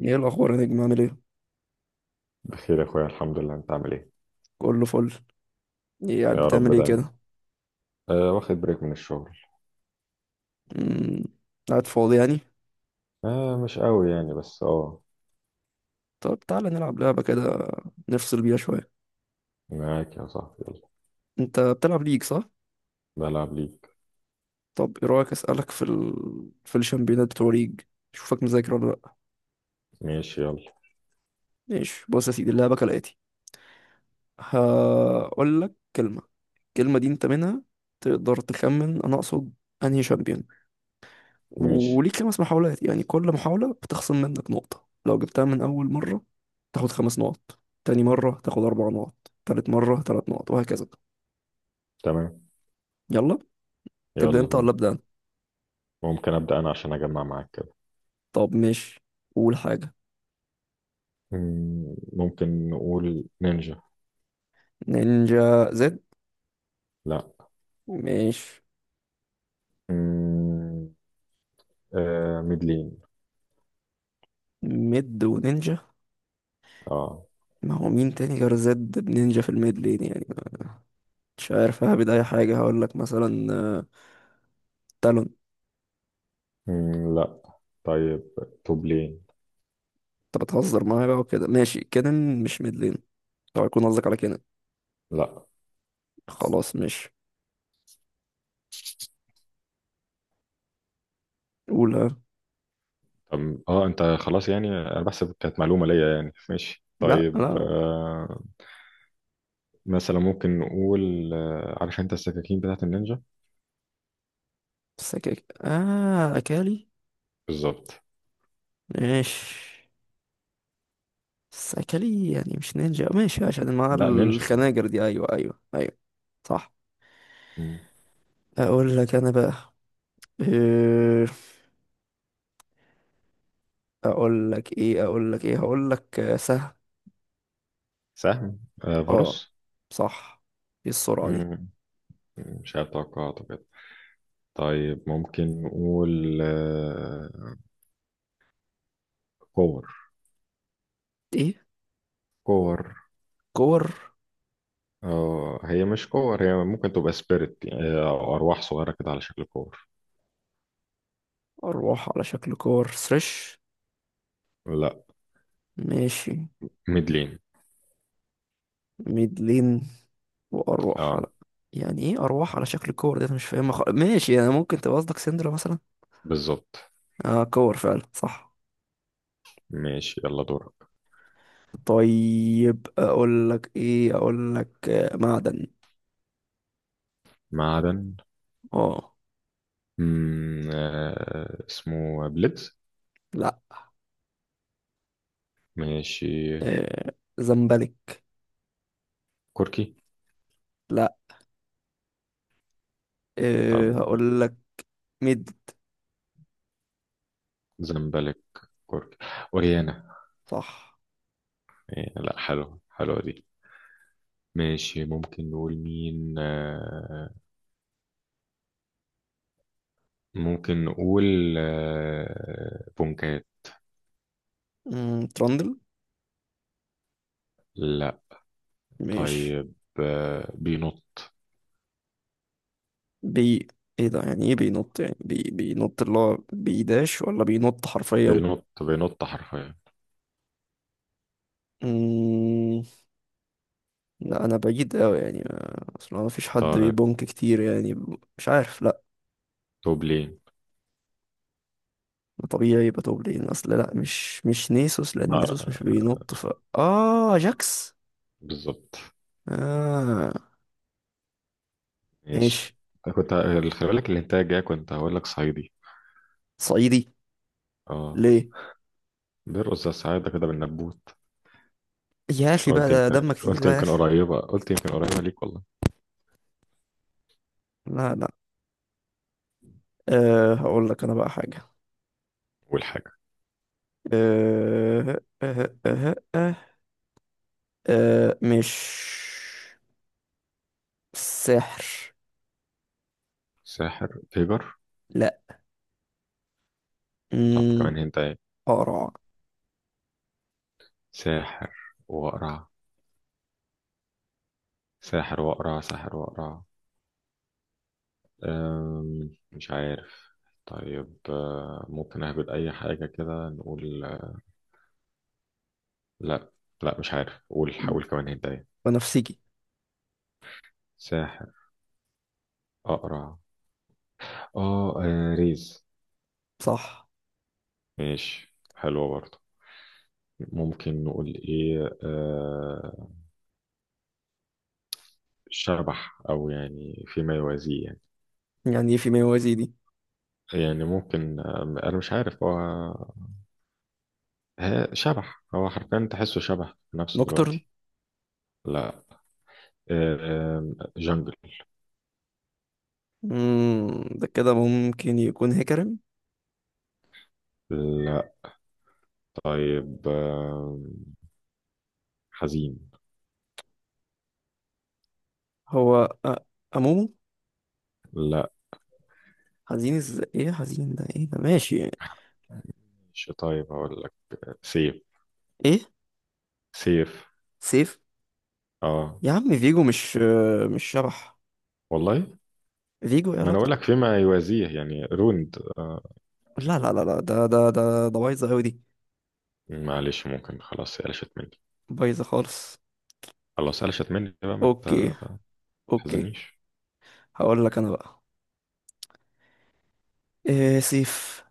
ايه الاخبار يا نجم؟ عامل ايه؟ بخير يا اخويا، الحمد لله. انت عامل ايه؟ كله فل. ايه قاعد يا بتعمل رب ايه دايما. كده؟ أه، واخد بريك من الشغل. امم قاعد فاضي يعني. أه، مش قوي يعني، بس طب تعالى نلعب لعبه كده، نفصل بيها شويه. معاك يا صاحبي، يلا. انت بتلعب ليج صح؟ بلعب ليك. طب ايه رايك اسالك في في الشامبيونات بتوع ليج، اشوفك مذاكر ولا لا. ماشي، يلا. ماشي، بص يا سيدي، اللعبه كالاتي: هقول لك كلمه، الكلمه دي انت منها تقدر تخمن انا اقصد انهي شامبيون، ماشي، وليك 5 محاولات، يعني كل محاولة بتخصم منك نقطة. لو جبتها من أول مرة تاخد 5 نقط، تاني مرة تاخد 4 نقط، تالت مرة 3 نقط وهكذا. تمام. يلا، تبدأ يلا أنت ولا بينا. أبدأ أنا؟ ممكن ابدا انا عشان اجمع معاك كده. طب ماشي، قول حاجة. ممكن نقول نينجا. نينجا زد؟ لا. ماشي. مم، أه ميدلين. ميد ونينجا؟ اه. ما هو مين تاني غير زد بنينجا في الميد لين يعني؟ مش عارف، ههبد أي حاجة. هقول لك مثلا تالون. لا. طيب، توب لين. أنت بتهزر معايا بقى وكده؟ ماشي، كينن مش ميد لين. طب يكون قصدك على كينن؟ لا. خلاص ماشي. قول ها. طب انت خلاص يعني، انا بحسب كانت معلومه ليا يعني. ماشي، لا طيب لا. مثلا ممكن نقول، عارف انت السكاكين بتاعت النينجا؟ سكك، اه، اكالي. بالظبط. ماشي، بس اكالي يعني مش نينجا، ماشي عشان مع لا، نينجا يعني. الخناجر دي. ايوه ايوه ايوه، صح. مم. اقول لك انا بقى إيه، اقول لك ايه هقول لك سهم. سهم. اه، فاروس. صح. ايه السرعة دي؟ مم. مش عارف توقعاته كده. طيب، ممكن نقول كور. ايه، كور. كور؟ هي مش كور، هي ممكن تبقى سبيريت، أو أرواح صغيرة كده على شكل كور. اروح على شكل كور سريش؟ لا. ماشي. ميدلين. ميدلين؟ واروح على. اه. يعني ايه اروح على شكل كور، ده انا مش فاهمها خالص. ماشي يعني، ممكن تبقى قصدك سندرا مثلا. بالظبط. اه، كور فعلا، صح. ماشي، يلا دورك. طيب اقول لك ايه، اقول لك معدن. معدن. اه، اسمه بليدز. لا. ماشي. زمبلك. كوركي. لا. أه طب. هقول لك مد. زمبلك. كورك، وريانا. صح. إيه، لا حلوة حلوة دي. ماشي، ممكن نقول مين؟ ممكن نقول بونكات. ترندل. لا. ماشي. طيب، بينط. بي. ايه ده، يعني ايه بينط يعني بينط اللي هو بيداش ولا بينط حرفيا؟ بينط، بينط حرفيا. مم، لا انا بعيد قوي يعني اصل ما فيش حد طيب، بيبونك كتير يعني مش عارف، لا. توبلين. طبيعي يبقى توب لين، اصل لا مش نيسوس لان نيسوس مش لا، بينط، ف اه، جاكس. بالظبط. آه، ماشي. ماشي. كنت. خلي بالك الانتاج جاي، كنت هقول لك صعيدي. صعيدي؟ اه. ليه؟ بيرقص الصعيدة كده بالنبوت. يا اخي بقى، قلت ده يمكن، دمك تقيل قلت بقى يا يمكن اخي. قريبة، قلت يمكن قريبة ليك والله. لا لا. أه هقول لك انا بقى حاجة. أول حاجة. أه، أه، مش، سحر. ساحر تيجر. لا. طب، مم، كمان هنت ايه؟ قرع. ساحر وأقرع، ساحر وأقرع، ساحر وأقرع. مش عارف. طيب، ممكن أهبط أي حاجة كده، نقول لا. لا، مش عارف. قول، حاول كمان هنت ايه؟ بنفسجي. ساحر، أقرع. ريز. صح. ماشي، حلوة برضه. ممكن نقول إيه؟ شبح، أو يعني فيما يوازيه يعني. يعني إيه في موازي دي؟ يعني ممكن، أنا مش عارف هو شبح. هو حرفيا تحسه شبح نفسه نوكترن. دلوقتي. لا. جنجل. ده كده ممكن يكون هيكرم. لا. طيب حزين. هو أ- أمومو. لا. حزين ازاي، ايه حزين ده، ايه ده؟ ماشي. مش، طيب هقول لك سيف. ايه، سيف. سيف؟ اه. يا عم فيجو، مش شبح. والله فيجو ايه ما انا اقول علاقته؟ لك فيما يوازيه يعني روند. لا لا لا لا، ده بايظه قوي دي. معلش، ممكن خلاص قلشت مني. بايظه خالص. خلاص قلشت مني بقى. ما اوكي اوكي. تحزنيش. هقول لك انا بقى سيف.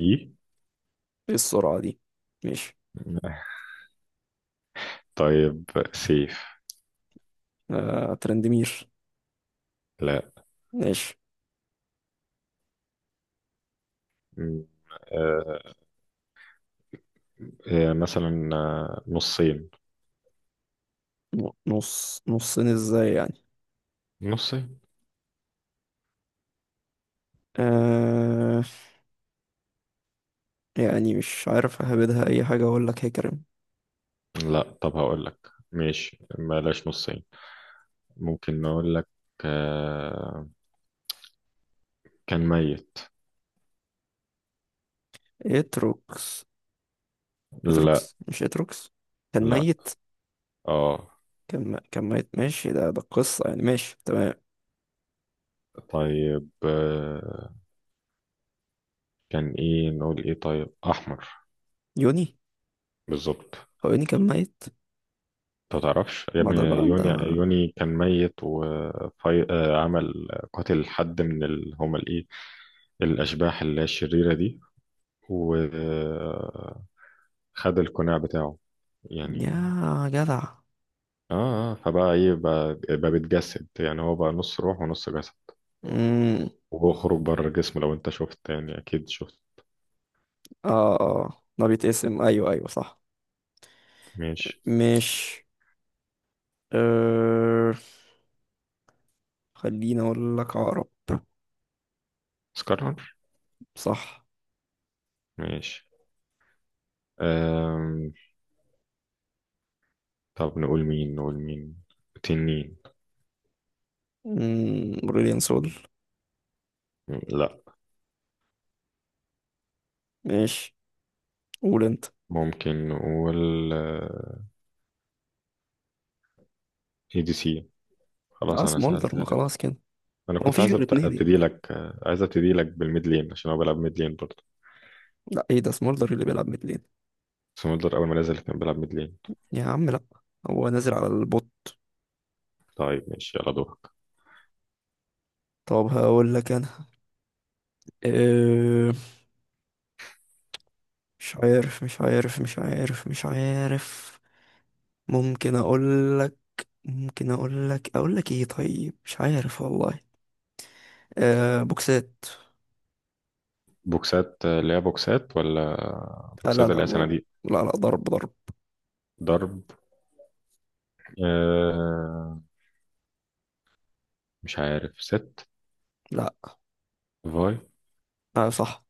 ايه. ايه السرعه دي؟ ماشي. طيب. سيف. آه، ترندمير. لا. ماشي. م- آه. مثلا نصين. نص، نصين ازاي يعني؟ نصين. آه، يعني مش عارف اهبدها اي حاجه، اقول لك هيكرم. لا. طب هقول لك، ماشي، بلاش نصين. ممكن نقول لك آه، كان ميت. اتروكس. لا. اتروكس مش اتروكس. كان لا. ميت. اه. كان ميت، ماشي، ده ده القصه يعني، ماشي تمام. طيب، كان ايه، نقول ايه، طيب احمر. يوني. بالظبط. هو يوني كان ميت؟ انت تعرفش يا ما ابني؟ ده بقى يوني، ده. يوني كان ميت، وعمل قتل حد من هما الايه، الاشباح اللي هي الشريرة دي، وخد القناع بتاعه يا يعني. جدع. اه. فبقى ايه، بقى بيتجسد يعني. هو بقى نص روح ونص جسد، امم. وبيخرج بره الجسم. لو انت شفت يعني، اكيد شفت. اه اه، ده بيتقسم، ايوه ايوه، صح. ماشي. مش، أه... خليني اقول لك عقرب. اسكرنر. صح. ماشي. أم... طب نقول مين، نقول مين، تنين. امم، بريليان سول. لا. ماشي. قول انت. ممكن نقول ADC. اه، خلاص انا سمولدر. ما سألتها لك. خلاص كده، انا هو كنت مفيش عايز غير 2 ابتدي يعني؟ لك، عايز ابتدي لك بالميد لين، عشان هو بيلعب ميد لين برضه. لا ايه ده، سمولدر اللي بيلعب متلين؟ سمودلر اول ما نزل كان بيلعب ميد لين. يا عم لا، هو نازل على البوت. طيب، ماشي، يلا دورك. طب هقول لك انا، أه... مش عارف. ممكن اقول لك ممكن اقول لك اقول لك ايه طيب، مش عارف والله. آه، بوكسات. بوكسات. اللي هي بوكسات، ولا آه لا بوكسات لا، اللي هي صناديق؟ لا لا، ضرب ضرب. ضرب. آه... مش عارف. ست. لا. فاي. آه، صح.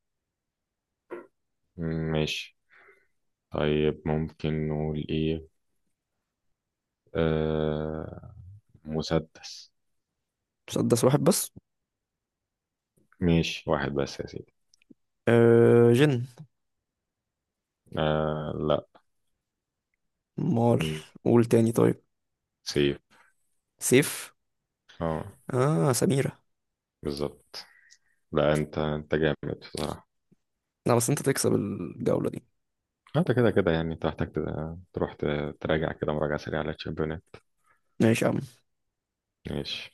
ماشي. طيب، ممكن نقول ايه؟ آه مسدس. مسدس واحد بس. ماشي، واحد بس يا سيدي. آه، جن. لا. مال. م- قول تاني طيب. سيف. سيف. اه. اه، سميرة. بالظبط. لا، انت جامد بصراحة. لا بس انت تكسب الجولة دي. انت كده كده يعني، انت محتاج تروح تراجع كده مراجعة سريعة على الشامبيونات. ماشي يا عم. ماشي.